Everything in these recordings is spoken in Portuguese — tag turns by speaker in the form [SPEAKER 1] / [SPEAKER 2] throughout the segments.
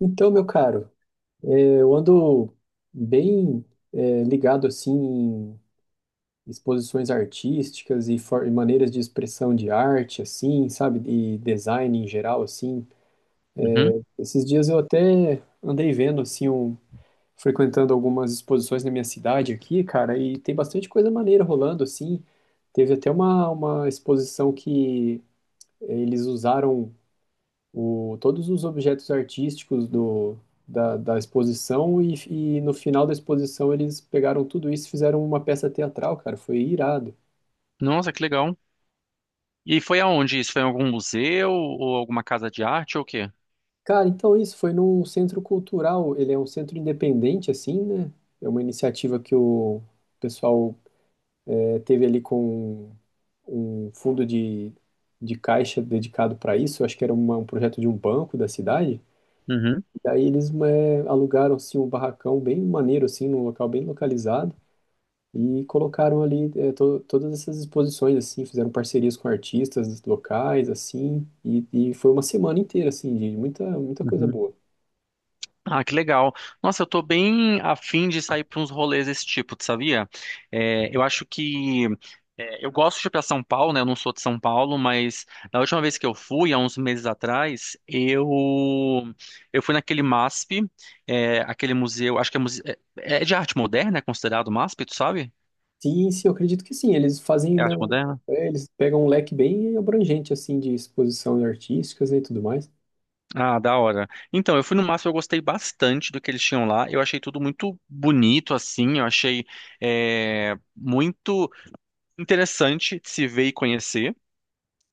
[SPEAKER 1] Então, meu caro, eu ando bem ligado assim em exposições artísticas e, e maneiras de expressão de arte, assim, sabe, e design em geral, assim.
[SPEAKER 2] Uhum.
[SPEAKER 1] Esses dias eu até andei vendo assim, frequentando algumas exposições na minha cidade aqui, cara, e tem bastante coisa maneira rolando assim. Teve até uma exposição que eles usaram todos os objetos artísticos da exposição e no final da exposição eles pegaram tudo isso e fizeram uma peça teatral, cara. Foi irado.
[SPEAKER 2] Nossa, que legal. E foi aonde isso? Foi em algum museu ou alguma casa de arte ou o quê?
[SPEAKER 1] Cara, então isso foi num centro cultural. Ele é um centro independente, assim, né? É uma iniciativa que o pessoal teve ali com um fundo de caixa dedicado para isso. Eu acho que era um projeto de um banco da cidade.
[SPEAKER 2] Uhum,
[SPEAKER 1] Daí eles alugaram assim, um barracão bem maneiro, assim, num local bem localizado. E colocaram ali todas essas exposições, assim, fizeram parcerias com artistas locais, assim, e foi uma semana inteira, assim, de muita, muita coisa
[SPEAKER 2] uhum.
[SPEAKER 1] boa.
[SPEAKER 2] Ah, que legal. Nossa, eu tô bem afim de sair para uns rolês desse tipo, tu sabia? É, eu acho que eu gosto de ir para São Paulo, né? Eu não sou de São Paulo, mas na última vez que eu fui, há uns meses atrás, eu fui naquele MASP, é, aquele museu, acho que é, é de arte moderna, é considerado MASP, tu sabe?
[SPEAKER 1] Sim, sim, eu acredito que sim, eles fazem,
[SPEAKER 2] É
[SPEAKER 1] né,
[SPEAKER 2] arte moderna?
[SPEAKER 1] eles pegam um leque bem abrangente, assim, de exposição artísticas, né, e tudo mais.
[SPEAKER 2] Ah, da hora. Então, eu fui no Massa, eu gostei bastante do que eles tinham lá. Eu achei tudo muito bonito, assim. Eu achei muito interessante de se ver e conhecer.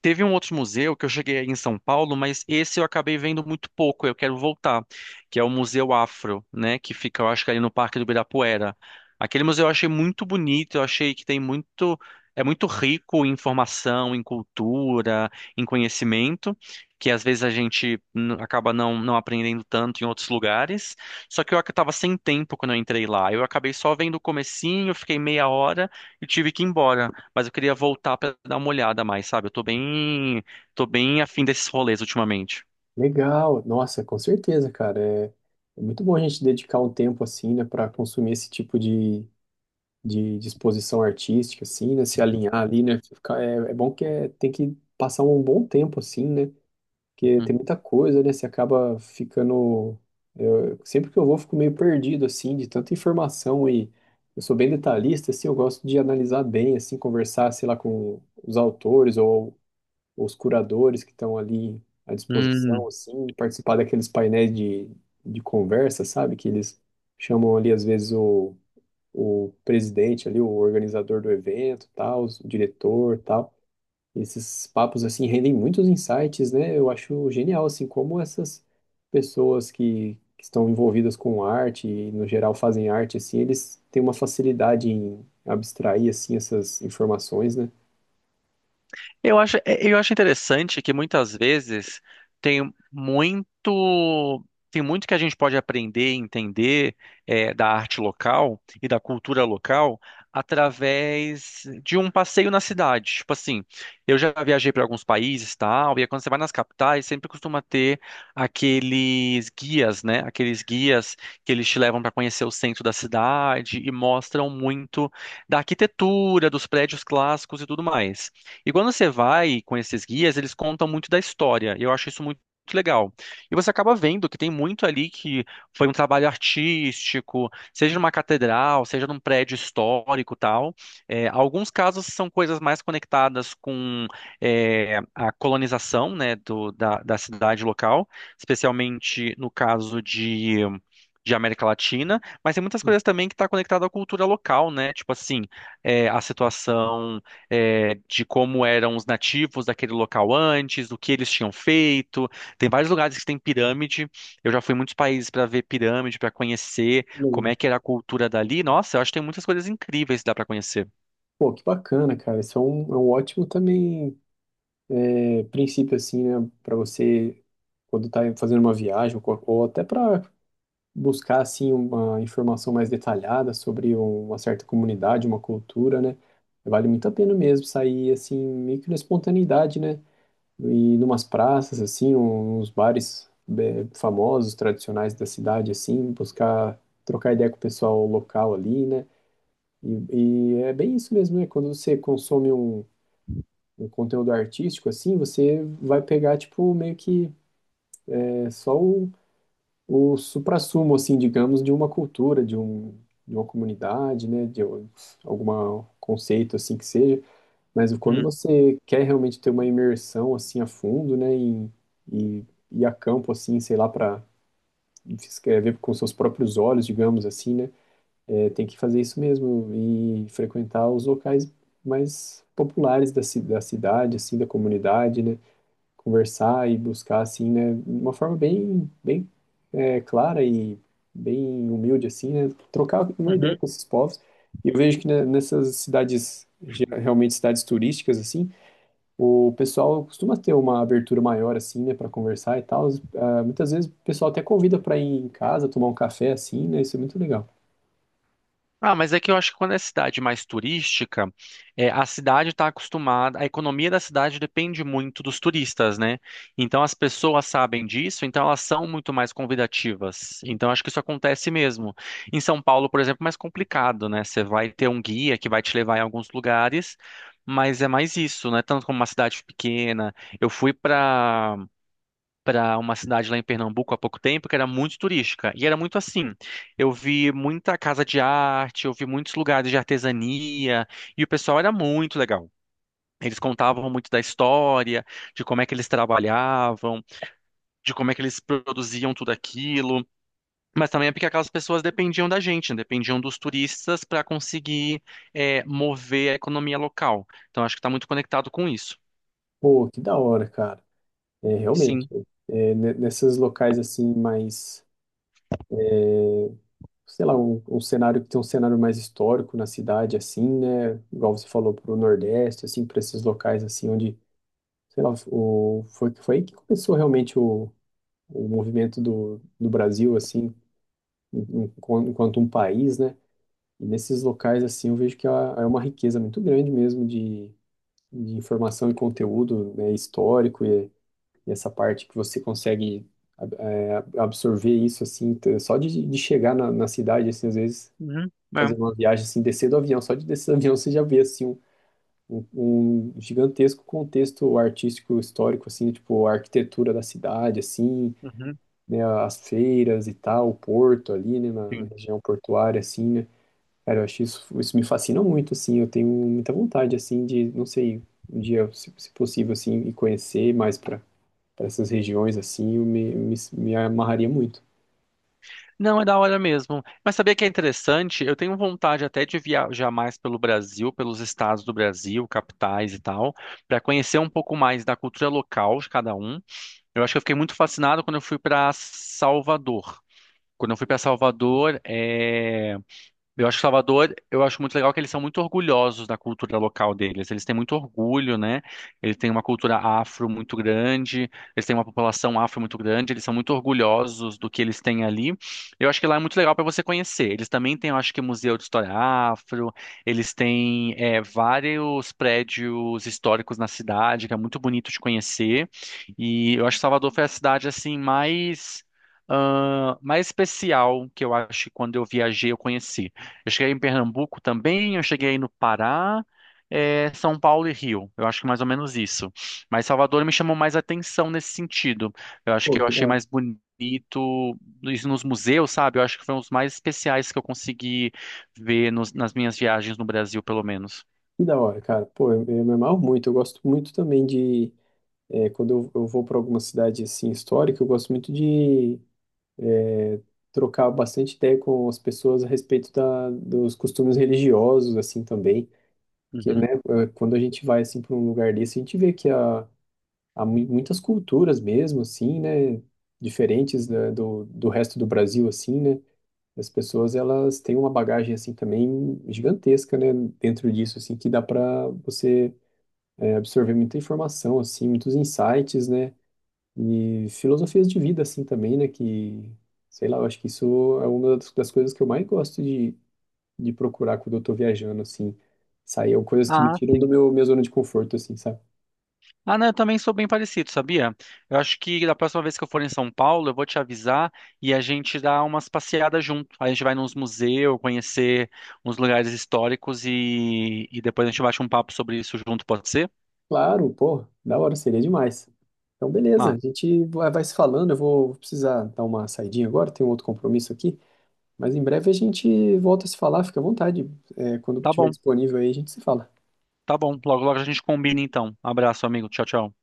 [SPEAKER 2] Teve um outro museu que eu cheguei aí em São Paulo, mas esse eu acabei vendo muito pouco, eu quero voltar, que é o Museu Afro, né, que fica, eu acho que ali no Parque do Ibirapuera. Aquele museu eu achei muito bonito, eu achei que tem muito, é muito rico em informação, em cultura, em conhecimento, que às vezes a gente acaba não aprendendo tanto em outros lugares. Só que eu estava sem tempo quando eu entrei lá, eu acabei só vendo o comecinho, fiquei meia hora e tive que ir embora. Mas eu queria voltar pra dar uma olhada mais, sabe? Eu tô bem afim desses rolês ultimamente.
[SPEAKER 1] Legal, nossa, com certeza, cara, é, é muito bom a gente dedicar um tempo, assim, né, para consumir esse tipo de exposição artística, assim, né, se alinhar ali, né, ficar, é, é bom que é, tem que passar um bom tempo, assim, né. Porque
[SPEAKER 2] Uhum.
[SPEAKER 1] tem muita coisa, né? Você acaba ficando. Sempre que eu vou, fico meio perdido, assim, de tanta informação. E eu sou bem detalhista, assim, eu gosto de analisar bem, assim, conversar, sei lá, com os autores ou os curadores que estão ali à disposição,
[SPEAKER 2] Hum.
[SPEAKER 1] assim, participar daqueles painéis de conversa, sabe? Que eles chamam ali, às vezes, o presidente ali, o organizador do evento, tal, o diretor, tal. Esses papos assim rendem muitos insights, né? Eu acho genial assim como essas pessoas que estão envolvidas com arte e no geral fazem arte assim, eles têm uma facilidade em abstrair assim essas informações, né?
[SPEAKER 2] Eu acho, é, eu acho interessante que muitas vezes tem muito, tem muito que a gente pode aprender e entender da arte local e da cultura local através de um passeio na cidade. Tipo assim, eu já viajei para alguns países, tal, e aí quando você vai nas capitais, sempre costuma ter aqueles guias, né? Aqueles guias que eles te levam para conhecer o centro da cidade e mostram muito da arquitetura, dos prédios clássicos e tudo mais. E quando você vai com esses guias, eles contam muito da história. Eu acho isso muito legal. E você acaba vendo que tem muito ali que foi um trabalho artístico, seja numa catedral, seja num prédio histórico, tal. É, alguns casos são coisas mais conectadas com é, a colonização, né, da cidade local, especialmente no caso de América Latina, mas tem muitas coisas também que está conectada à cultura local, né? Tipo assim, é, a situação é, de como eram os nativos daquele local antes, o que eles tinham feito. Tem vários lugares que tem pirâmide. Eu já fui em muitos países para ver pirâmide, para conhecer como
[SPEAKER 1] Legal.
[SPEAKER 2] é que era a cultura dali. Nossa, eu acho que tem muitas coisas incríveis que dá para conhecer.
[SPEAKER 1] Pô, que bacana, cara. Isso é é um ótimo também princípio assim, né, para você quando tá fazendo uma viagem ou, ou até para buscar assim uma informação mais detalhada sobre uma certa comunidade, uma cultura, né? Vale muito a pena mesmo sair assim meio que na espontaneidade, né? E numas praças assim, uns bares famosos, tradicionais da cidade assim, buscar trocar ideia com o pessoal local ali, né? E, e é bem isso mesmo, né? Quando você consome um conteúdo artístico assim, você vai pegar tipo meio que só o suprassumo, assim, digamos, de uma cultura, de uma comunidade, né, algum conceito, assim, que seja. Mas quando
[SPEAKER 2] Hum,
[SPEAKER 1] você quer realmente ter uma imersão, assim, a fundo, né, em, e ir a campo, assim, sei lá, para ver com seus próprios olhos, digamos assim, né, é, tem que fazer isso mesmo e frequentar os locais mais populares da cidade, assim, da comunidade, né, conversar e buscar, assim, né? Uma forma bem, bem clara e bem humilde, assim, né? Trocar uma ideia
[SPEAKER 2] uhum.
[SPEAKER 1] com esses povos. E eu vejo que, né, nessas cidades, realmente cidades turísticas, assim, o pessoal costuma ter uma abertura maior, assim, né, para conversar e tal. Ah, muitas vezes o pessoal até convida para ir em casa tomar um café, assim, né? Isso é muito legal.
[SPEAKER 2] Ah, mas é que eu acho que quando é cidade mais turística, é, a cidade está acostumada, a economia da cidade depende muito dos turistas, né? Então as pessoas sabem disso, então elas são muito mais convidativas. Então acho que isso acontece mesmo. Em São Paulo, por exemplo, é mais complicado, né? Você vai ter um guia que vai te levar em alguns lugares, mas é mais isso, né? Tanto como uma cidade pequena. Eu fui para uma cidade lá em Pernambuco há pouco tempo que era muito turística. E era muito assim. Eu vi muita casa de arte, eu vi muitos lugares de artesania, e o pessoal era muito legal. Eles contavam muito da história, de como é que eles trabalhavam, de como é que eles produziam tudo aquilo. Mas também é porque aquelas pessoas dependiam da gente, né? Dependiam dos turistas para conseguir mover a economia local. Então acho que está muito conectado com isso.
[SPEAKER 1] Pô, que da hora, cara. É, realmente.
[SPEAKER 2] Sim.
[SPEAKER 1] É, nesses locais, assim, mais sei lá, um cenário que tem um cenário mais histórico na cidade, assim, né? Igual você falou, para o Nordeste, assim, para esses locais, assim, onde, sei lá, foi, foi aí que começou realmente o movimento do Brasil, assim, enquanto um país, né? E nesses locais, assim, eu vejo que há, há uma riqueza muito grande mesmo de informação e conteúdo, né, histórico e essa parte que você consegue absorver isso, assim, só de chegar na cidade, assim, às vezes
[SPEAKER 2] Uhum.
[SPEAKER 1] fazer
[SPEAKER 2] É.
[SPEAKER 1] uma viagem assim, descer do avião, só de descer do avião você já vê assim um- um gigantesco contexto artístico histórico assim, tipo a arquitetura da cidade assim,
[SPEAKER 2] Uhum.
[SPEAKER 1] né, as feiras e tal, o porto ali, né, na
[SPEAKER 2] Sim.
[SPEAKER 1] região portuária assim, né? Cara, eu acho isso, isso me fascina muito assim, eu tenho muita vontade assim de, não sei, um dia, se possível assim, e conhecer mais para para essas regiões assim, eu me amarraria muito.
[SPEAKER 2] Não, é da hora mesmo. Mas sabia que é interessante? Eu tenho vontade até de viajar mais pelo Brasil, pelos estados do Brasil, capitais e tal, para conhecer um pouco mais da cultura local de cada um. Eu acho que eu fiquei muito fascinado quando eu fui para Salvador. Quando eu fui para Salvador, eu acho que Salvador, eu acho muito legal que eles são muito orgulhosos da cultura local deles. Eles têm muito orgulho, né? Eles têm uma cultura afro muito grande, eles têm uma população afro muito grande, eles são muito orgulhosos do que eles têm ali. Eu acho que lá é muito legal para você conhecer. Eles também têm, eu acho que, Museu de História Afro, eles têm é, vários prédios históricos na cidade, que é muito bonito de conhecer. E eu acho que Salvador foi a cidade, assim, mais... ah, mais especial que eu acho que quando eu viajei eu conheci. Eu cheguei em Pernambuco também, eu cheguei no Pará, eh, São Paulo e Rio. Eu acho que mais ou menos isso. Mas Salvador me chamou mais atenção nesse sentido. Eu acho
[SPEAKER 1] Pô,
[SPEAKER 2] que eu achei mais bonito isso nos museus, sabe? Eu acho que foi um dos mais especiais que eu consegui ver nas minhas viagens no Brasil, pelo menos.
[SPEAKER 1] que da hora, cara. Pô, eu me amarro muito, eu gosto muito também de. É, quando eu vou para alguma cidade assim histórica, eu gosto muito de é, trocar bastante ideia com as pessoas a respeito dos costumes religiosos assim também, que, né,
[SPEAKER 2] Uhum.
[SPEAKER 1] quando a gente vai assim para um lugar desse, a gente vê que há, há muitas culturas mesmo assim, né, diferentes, né, do resto do Brasil assim, né? As pessoas elas têm uma bagagem assim também gigantesca, né, dentro disso assim que dá para você absorver muita informação assim, muitos insights, né? E filosofias de vida, assim, também, né? Que, sei lá, eu acho que isso é uma das coisas que eu mais gosto de procurar quando eu tô viajando, assim. Sair coisas que me
[SPEAKER 2] Ah,
[SPEAKER 1] tiram do
[SPEAKER 2] sim.
[SPEAKER 1] meu, minha zona de conforto, assim, sabe?
[SPEAKER 2] Ah, não, eu também sou bem parecido, sabia? Eu acho que da próxima vez que eu for em São Paulo, eu vou te avisar e a gente dá umas passeadas junto. Aí a gente vai nos museus, conhecer uns lugares históricos e depois a gente bate um papo sobre isso junto, pode ser?
[SPEAKER 1] Claro, pô, da hora, seria demais. Então, beleza, a
[SPEAKER 2] Ah,
[SPEAKER 1] gente vai se falando. Eu vou precisar dar uma saidinha agora, tenho outro compromisso aqui. Mas em breve a gente volta a se falar, fica à vontade. É, quando
[SPEAKER 2] tá
[SPEAKER 1] tiver
[SPEAKER 2] bom,
[SPEAKER 1] disponível aí, a gente se fala.
[SPEAKER 2] tá bom. Logo, logo a gente combina então. Abraço, amigo. Tchau, tchau.